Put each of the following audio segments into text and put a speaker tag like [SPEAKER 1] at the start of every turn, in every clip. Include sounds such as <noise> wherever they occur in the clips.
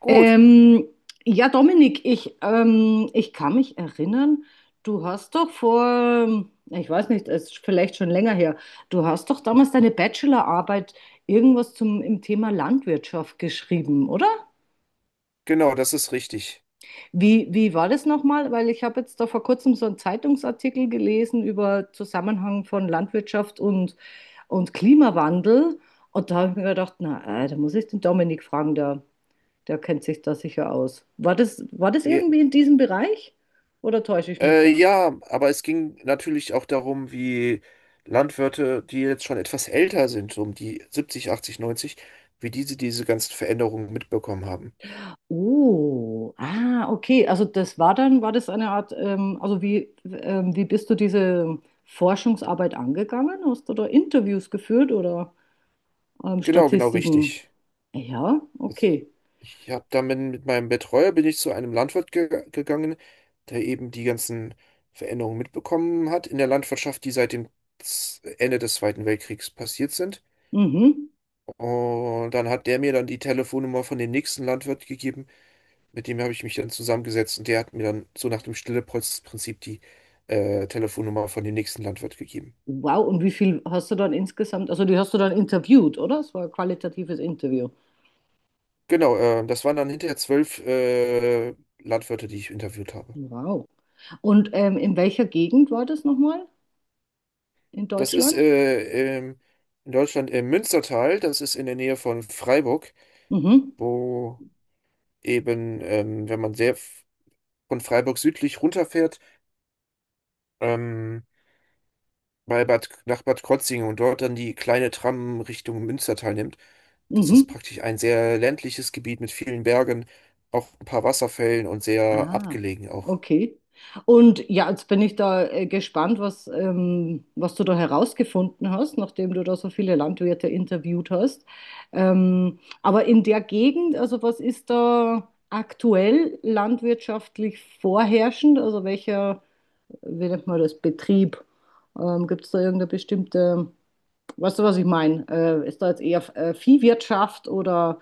[SPEAKER 1] Gut,
[SPEAKER 2] Ähm, ja, Dominik, ich kann mich erinnern, du hast doch vor, ich weiß nicht, es ist vielleicht schon länger her, du hast doch damals deine Bachelorarbeit irgendwas im Thema Landwirtschaft geschrieben, oder?
[SPEAKER 1] genau, das ist richtig.
[SPEAKER 2] Wie war das nochmal? Weil ich habe jetzt da vor kurzem so einen Zeitungsartikel gelesen über Zusammenhang von Landwirtschaft und Klimawandel. Und da habe ich mir gedacht, na, da muss ich den Dominik fragen, der kennt sich da sicher aus. War das
[SPEAKER 1] Ja,
[SPEAKER 2] irgendwie in diesem Bereich? Oder täusche ich mich
[SPEAKER 1] äh,
[SPEAKER 2] da?
[SPEAKER 1] ja, aber es ging natürlich auch darum, wie Landwirte, die jetzt schon etwas älter sind, so um die 70, 80, 90, wie diese ganzen Veränderungen mitbekommen haben.
[SPEAKER 2] Oh, ah, okay. Also das war dann, war das eine Art, wie bist du diese Forschungsarbeit angegangen? Hast du da Interviews geführt oder
[SPEAKER 1] Genau, genau
[SPEAKER 2] Statistiken?
[SPEAKER 1] richtig.
[SPEAKER 2] Ja,
[SPEAKER 1] Also ich
[SPEAKER 2] okay.
[SPEAKER 1] ich habe damit mit meinem Betreuer bin ich zu einem Landwirt ge gegangen, der eben die ganzen Veränderungen mitbekommen hat in der Landwirtschaft, die seit dem Ende des Zweiten Weltkriegs passiert sind.
[SPEAKER 2] Mhm.
[SPEAKER 1] Und dann hat der mir dann die Telefonnummer von dem nächsten Landwirt gegeben. Mit dem habe ich mich dann zusammengesetzt und der hat mir dann so nach dem Stille-Post-Prinzip die Telefonnummer von dem nächsten Landwirt gegeben.
[SPEAKER 2] Wow, und wie viel hast du dann insgesamt, also die hast du dann interviewt, oder? Es war ein qualitatives Interview.
[SPEAKER 1] Genau, das waren dann hinterher zwölf Landwirte, die ich interviewt habe.
[SPEAKER 2] Wow. Und in welcher Gegend war das nochmal? In
[SPEAKER 1] Das ist
[SPEAKER 2] Deutschland?
[SPEAKER 1] in Deutschland im Münstertal, das ist in der Nähe von Freiburg,
[SPEAKER 2] Mhm,
[SPEAKER 1] wo eben, wenn man von Freiburg südlich runterfährt, ähm, bei nach Bad Krozingen und dort dann die kleine Tram Richtung Münstertal nimmt. Das ist
[SPEAKER 2] mhm.
[SPEAKER 1] praktisch ein sehr ländliches Gebiet mit vielen Bergen, auch ein paar Wasserfällen und sehr
[SPEAKER 2] Ah,
[SPEAKER 1] abgelegen auch.
[SPEAKER 2] okay. Und ja, jetzt bin ich da gespannt, was du da herausgefunden hast, nachdem du da so viele Landwirte interviewt hast. Aber in der Gegend, also was ist da aktuell landwirtschaftlich vorherrschend? Also welcher, wie nennt man das, Betrieb? Gibt es da irgendeine bestimmte? Weißt du, was ich meine? Ist da jetzt eher Viehwirtschaft oder,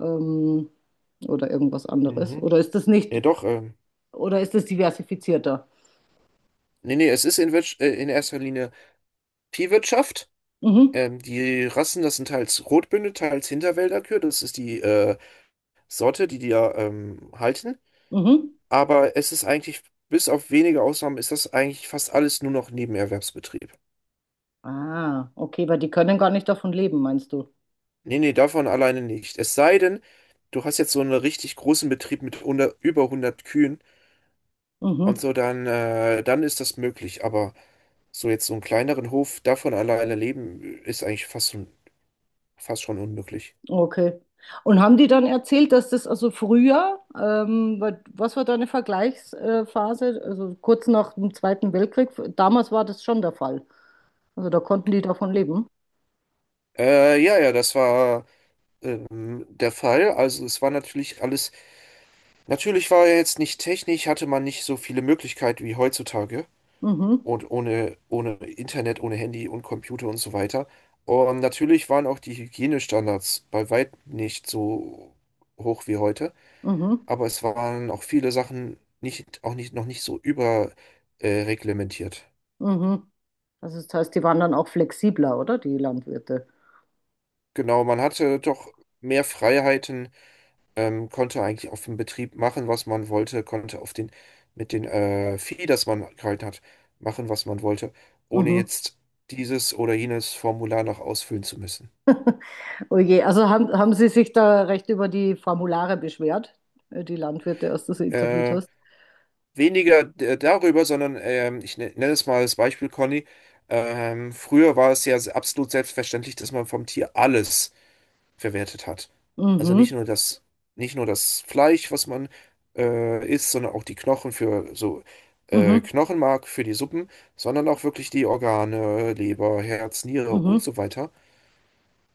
[SPEAKER 2] ähm, oder irgendwas anderes?
[SPEAKER 1] Mhm.
[SPEAKER 2] Oder ist das
[SPEAKER 1] Ja,
[SPEAKER 2] nicht,
[SPEAKER 1] doch, ähm,
[SPEAKER 2] oder ist das diversifizierter?
[SPEAKER 1] nee, nee, es ist in erster Linie Viehwirtschaft.
[SPEAKER 2] Mhm.
[SPEAKER 1] Die Rassen, das sind teils Rotbünde, teils Hinterwälderkühe, das ist die Sorte, die da halten.
[SPEAKER 2] Mhm.
[SPEAKER 1] Aber es ist eigentlich, bis auf wenige Ausnahmen, ist das eigentlich fast alles nur noch Nebenerwerbsbetrieb.
[SPEAKER 2] Ah, okay, weil die können gar nicht davon leben, meinst du?
[SPEAKER 1] Nee, nee, davon alleine nicht. Es sei denn, du hast jetzt so einen richtig großen Betrieb mit 100, über hundert Kühen und
[SPEAKER 2] Mhm.
[SPEAKER 1] so, dann ist das möglich. Aber so jetzt so einen kleineren Hof, davon alleine leben, ist fast schon unmöglich.
[SPEAKER 2] Okay. Und haben die dann erzählt, dass das also früher, was war da eine Vergleichsphase? Also kurz nach dem Zweiten Weltkrieg, damals war das schon der Fall. Also da konnten die davon leben.
[SPEAKER 1] Ja, ja, das war der Fall. Also es war natürlich alles, natürlich war er jetzt nicht technisch, hatte man nicht so viele Möglichkeiten wie heutzutage.
[SPEAKER 2] Mhm.
[SPEAKER 1] Und ohne Internet, ohne Handy und Computer und so weiter. Und natürlich waren auch die Hygienestandards bei weitem nicht so hoch wie heute,
[SPEAKER 2] Mhm.
[SPEAKER 1] aber es waren auch viele Sachen nicht, auch nicht, noch nicht so über reglementiert.
[SPEAKER 2] Mhm. Also das heißt, die waren dann auch flexibler, oder? Die Landwirte.
[SPEAKER 1] Genau, man hatte doch mehr Freiheiten, konnte eigentlich auf dem Betrieb machen, was man wollte, konnte mit den Vieh, das man gehalten hat, machen, was man wollte, ohne
[SPEAKER 2] Mhm.
[SPEAKER 1] jetzt dieses oder jenes Formular noch ausfüllen zu müssen.
[SPEAKER 2] Oh je, also haben Sie sich da recht über die Formulare beschwert, die Landwirte, als du sie interviewt
[SPEAKER 1] Ähm,
[SPEAKER 2] hast?
[SPEAKER 1] weniger darüber, sondern ich nenne es mal als Beispiel, Conny. Früher war es ja absolut selbstverständlich, dass man vom Tier alles verwertet hat. Also
[SPEAKER 2] Mhm,
[SPEAKER 1] nicht nur das Fleisch, was man isst, sondern auch die Knochen für so
[SPEAKER 2] mhm,
[SPEAKER 1] Knochenmark für die Suppen, sondern auch wirklich die Organe, Leber, Herz, Niere und
[SPEAKER 2] mhm.
[SPEAKER 1] so weiter.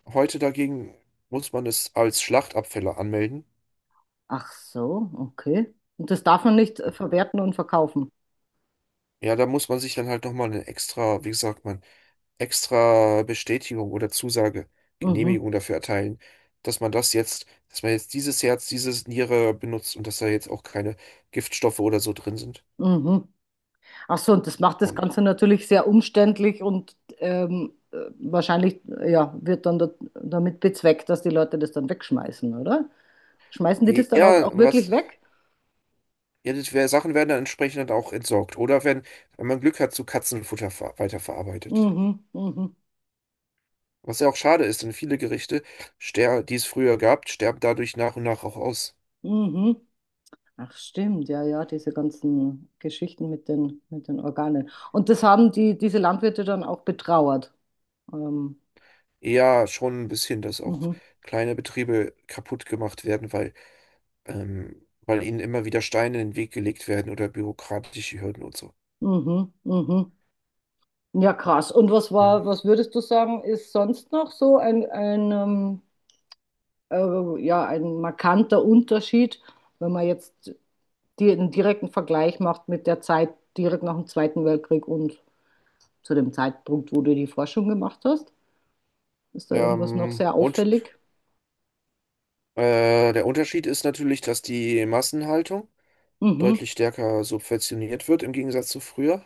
[SPEAKER 1] Heute dagegen muss man es als Schlachtabfälle anmelden.
[SPEAKER 2] Ach so, okay. Und das darf man nicht verwerten und verkaufen.
[SPEAKER 1] Ja, da muss man sich dann halt nochmal eine extra, wie sagt man, extra Bestätigung oder Zusage,
[SPEAKER 2] Mhm,
[SPEAKER 1] Genehmigung dafür erteilen, dass dass man jetzt dieses Herz, dieses Niere benutzt und dass da jetzt auch keine Giftstoffe oder so drin sind.
[SPEAKER 2] mhm. Ach so, und das macht das
[SPEAKER 1] Und
[SPEAKER 2] Ganze natürlich sehr umständlich und wahrscheinlich, ja, wird dann da damit bezweckt, dass die Leute das dann wegschmeißen, oder? Schmeißen die das dann
[SPEAKER 1] ja,
[SPEAKER 2] auch wirklich
[SPEAKER 1] was,
[SPEAKER 2] weg?
[SPEAKER 1] ja, das wär, Sachen werden dann entsprechend dann auch entsorgt oder wenn man Glück hat, zu Katzenfutter ver weiterverarbeitet.
[SPEAKER 2] Mhm, mhm.
[SPEAKER 1] Was ja auch schade ist, denn viele Gerichte, ster die es früher gab, sterben dadurch nach und nach auch aus.
[SPEAKER 2] Mhm. Ach stimmt, ja, ja, diese ganzen Geschichten mit den Organen. Und das haben die, diese Landwirte dann auch betrauert. Ähm,
[SPEAKER 1] Ja, schon ein bisschen, dass auch
[SPEAKER 2] mhm,
[SPEAKER 1] kleine Betriebe kaputt gemacht werden, weil weil ihnen immer wieder Steine in den Weg gelegt werden oder bürokratische Hürden und so.
[SPEAKER 2] mhm, mhm. Ja, krass. Und was
[SPEAKER 1] Mhm.
[SPEAKER 2] war, was würdest du sagen, ist sonst noch so ja, ein markanter Unterschied, wenn man jetzt die, einen direkten Vergleich macht mit der Zeit direkt nach dem Zweiten Weltkrieg und zu dem Zeitpunkt, wo du die Forschung gemacht hast? Ist da irgendwas noch
[SPEAKER 1] Ähm,
[SPEAKER 2] sehr
[SPEAKER 1] und
[SPEAKER 2] auffällig?
[SPEAKER 1] äh, der Unterschied ist natürlich, dass die Massenhaltung
[SPEAKER 2] Mhm.
[SPEAKER 1] deutlich stärker subventioniert wird im Gegensatz zu früher.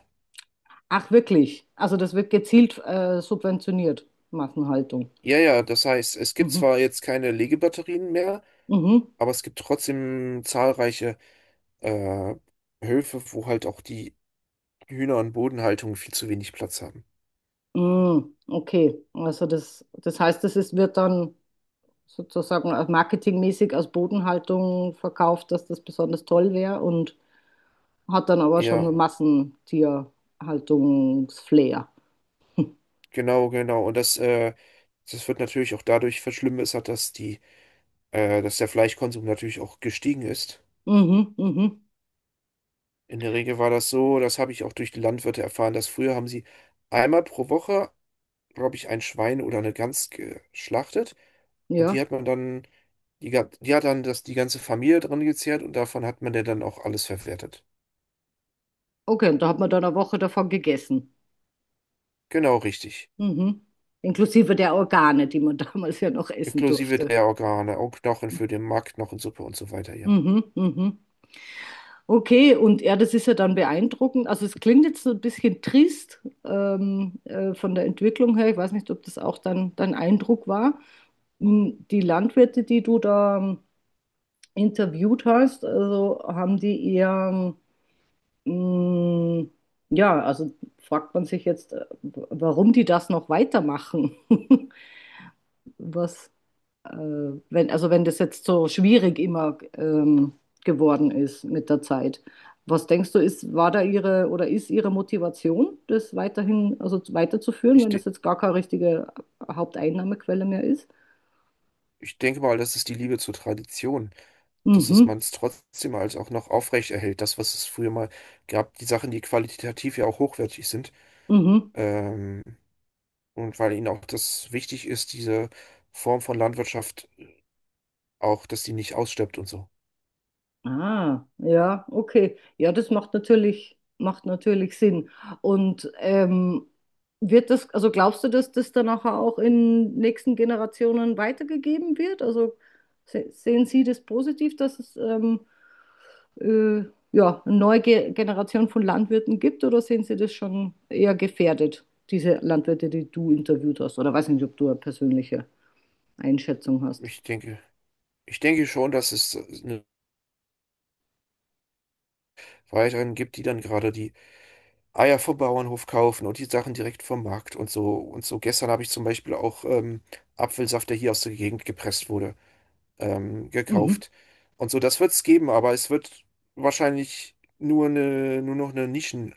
[SPEAKER 2] Ach, wirklich? Also das wird gezielt subventioniert, Massenhaltung.
[SPEAKER 1] Ja, ja, das heißt, es gibt
[SPEAKER 2] Mhm.
[SPEAKER 1] zwar jetzt keine Legebatterien mehr,
[SPEAKER 2] Mhm.
[SPEAKER 1] aber es gibt trotzdem zahlreiche äh, Höfe, wo halt auch die Hühner- und Bodenhaltung viel zu wenig Platz haben.
[SPEAKER 2] Mm, okay, also das, das heißt, das ist, wird dann sozusagen als marketingmäßig als Bodenhaltung verkauft, dass das besonders toll wäre und hat dann aber schon
[SPEAKER 1] Ja,
[SPEAKER 2] so Massentierhaltungsflair.
[SPEAKER 1] genau, genau. Und das wird natürlich auch dadurch verschlimmert, dass die dass der Fleischkonsum natürlich auch gestiegen ist.
[SPEAKER 2] Mhm, mhm,
[SPEAKER 1] In der Regel war das so, das habe ich auch durch die Landwirte erfahren, dass früher haben sie einmal pro Woche, glaube ich, ein Schwein oder eine Gans geschlachtet und
[SPEAKER 2] ja.
[SPEAKER 1] die hat die ganze Familie dran gezehrt und davon hat man der dann auch alles verwertet.
[SPEAKER 2] Okay, und da hat man dann eine Woche davon gegessen.
[SPEAKER 1] Genau richtig.
[SPEAKER 2] Mhm. Inklusive der Organe, die man <laughs> damals ja noch essen
[SPEAKER 1] Inklusive
[SPEAKER 2] durfte.
[SPEAKER 1] der Organe, auch Knochen für den Mark, Knochensuppe und so weiter, ja.
[SPEAKER 2] Mhm, mhm. Mhm. Okay, und ja, das ist ja dann beeindruckend. Also es klingt jetzt so ein bisschen trist von der Entwicklung her. Ich weiß nicht, ob das auch dann dein Eindruck war. Hm, die Landwirte, die du da interviewt hast, also haben die eher, hm, ja, also fragt man sich jetzt, warum die das noch weitermachen. <laughs> Was, äh, wenn, also wenn das jetzt so schwierig immer geworden ist mit der Zeit. Was denkst du, ist, war da ihre oder ist ihre Motivation, das weiterhin, also weiterzuführen,
[SPEAKER 1] Ich,
[SPEAKER 2] wenn
[SPEAKER 1] de-
[SPEAKER 2] das jetzt gar keine richtige Haupteinnahmequelle mehr ist?
[SPEAKER 1] Ich denke mal, das ist die Liebe zur Tradition, dass es
[SPEAKER 2] Mhm,
[SPEAKER 1] man es trotzdem als auch noch aufrecht erhält. Das, was es früher mal gab, die Sachen, die qualitativ ja auch hochwertig sind.
[SPEAKER 2] mhm.
[SPEAKER 1] Ähm, und weil ihnen auch das wichtig ist, diese Form von Landwirtschaft auch, dass die nicht ausstirbt und so.
[SPEAKER 2] Ah, ja, okay. Ja, das macht natürlich Sinn. Und wird das, also glaubst du, dass das dann nachher auch in nächsten Generationen weitergegeben wird? Also se sehen Sie das positiv, dass es äh, ja, eine neue Ge Generation von Landwirten gibt oder sehen Sie das schon eher gefährdet, diese Landwirte, die du interviewt hast? Oder weiß nicht, ob du eine persönliche Einschätzung hast.
[SPEAKER 1] Ich denke, ich denke schon, dass es eine weiteren gibt, die dann gerade die Eier vom Bauernhof kaufen und die Sachen direkt vom Markt und so und so. Gestern habe ich zum Beispiel auch Apfelsaft, der hier aus der Gegend gepresst wurde,
[SPEAKER 2] Mhm,
[SPEAKER 1] gekauft. Und so, das wird es geben, aber es wird wahrscheinlich nur eine, nur noch eine Nischen,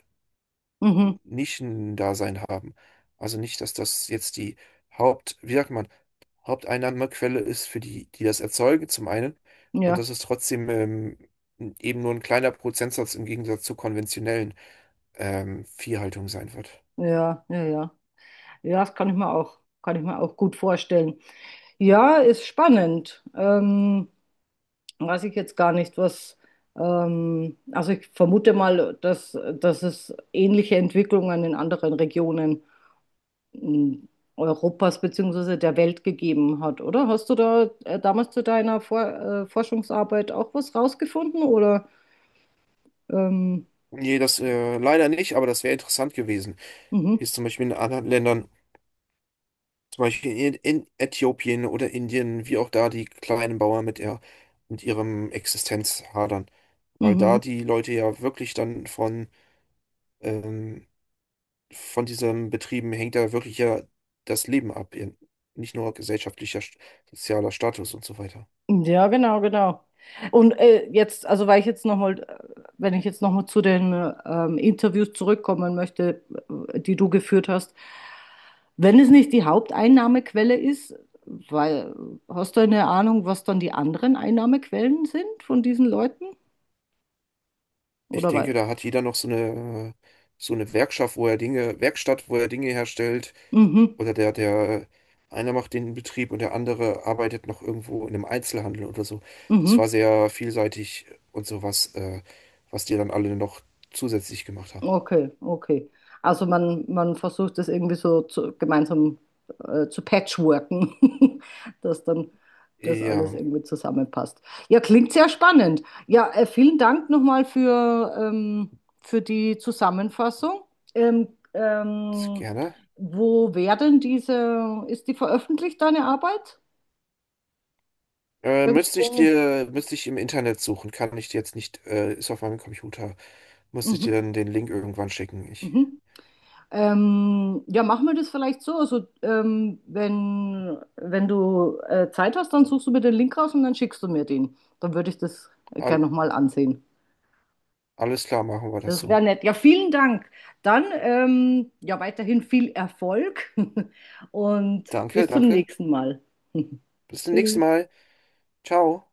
[SPEAKER 2] mhm,
[SPEAKER 1] Nischendasein haben. Also nicht, dass das jetzt die Haupt, wie sagt man, Haupteinnahmequelle ist für die, die das erzeugen, zum einen. Und
[SPEAKER 2] ja,
[SPEAKER 1] das ist trotzdem eben nur ein kleiner Prozentsatz im Gegensatz zur konventionellen Viehhaltung sein wird.
[SPEAKER 2] ja, ja, ja. Ja, das kann ich mir auch, kann ich mir auch gut vorstellen. Ja, ist spannend. Weiß ich jetzt gar nicht, was. Also ich vermute mal, dass es ähnliche Entwicklungen in anderen Regionen m, Europas beziehungsweise der Welt gegeben hat, oder? Hast du da damals zu deiner Vor Forschungsarbeit auch was rausgefunden, oder? Ähm,
[SPEAKER 1] Nee, das leider nicht, aber das wäre interessant gewesen, wie
[SPEAKER 2] mhm,
[SPEAKER 1] es zum Beispiel in anderen Ländern. Zum Beispiel in Äthiopien oder Indien, wie auch da die kleinen Bauern mit ihrem Existenz hadern. Weil da
[SPEAKER 2] mhm.
[SPEAKER 1] die Leute ja wirklich ähm, von diesen Betrieben hängt da wirklich ja das Leben ab. Nicht nur sozialer Status und so weiter.
[SPEAKER 2] Ja, genau, genau. Und jetzt, also weil ich jetzt nochmal, wenn ich jetzt nochmal zu den Interviews zurückkommen möchte, die du geführt hast, wenn es nicht die Haupteinnahmequelle ist, weil, hast du eine Ahnung, was dann die anderen Einnahmequellen sind von diesen Leuten?
[SPEAKER 1] Ich
[SPEAKER 2] Oder
[SPEAKER 1] denke,
[SPEAKER 2] weil,
[SPEAKER 1] da hat jeder noch so eine Werkschaft, wo er Dinge, Werkstatt, wo er Dinge herstellt.
[SPEAKER 2] mhm,
[SPEAKER 1] Oder der einer macht den Betrieb und der andere arbeitet noch irgendwo in einem Einzelhandel oder so. Das war
[SPEAKER 2] mhm.
[SPEAKER 1] sehr vielseitig und was die dann alle noch zusätzlich gemacht haben.
[SPEAKER 2] Okay, okay. Also man versucht das irgendwie so zu, gemeinsam zu patchworken, <laughs> dass dann das alles
[SPEAKER 1] Ja,
[SPEAKER 2] irgendwie zusammenpasst. Ja, klingt sehr spannend. Ja, vielen Dank nochmal für die Zusammenfassung. Ähm,
[SPEAKER 1] sehr
[SPEAKER 2] ähm,
[SPEAKER 1] gerne.
[SPEAKER 2] wo werden diese, ist die veröffentlicht, deine Arbeit?
[SPEAKER 1] Müsste ich
[SPEAKER 2] Irgendwo?
[SPEAKER 1] müsste ich im Internet suchen, kann ich dir jetzt nicht, ist auf meinem Computer. Müsste ich
[SPEAKER 2] Mhm,
[SPEAKER 1] dir dann den Link irgendwann schicken.
[SPEAKER 2] mhm. Ja, machen wir das vielleicht so. Also, wenn du Zeit hast, dann suchst du mir den Link raus und dann schickst du mir den. Dann würde ich das
[SPEAKER 1] All,
[SPEAKER 2] gerne nochmal ansehen.
[SPEAKER 1] alles klar, machen wir das
[SPEAKER 2] Das wäre
[SPEAKER 1] so.
[SPEAKER 2] nett. Ja, vielen Dank. Dann ja, weiterhin viel Erfolg <laughs> und
[SPEAKER 1] Danke,
[SPEAKER 2] bis zum
[SPEAKER 1] danke.
[SPEAKER 2] nächsten Mal.
[SPEAKER 1] Bis
[SPEAKER 2] <laughs>
[SPEAKER 1] zum nächsten Mal.
[SPEAKER 2] Tschüss.
[SPEAKER 1] Ciao.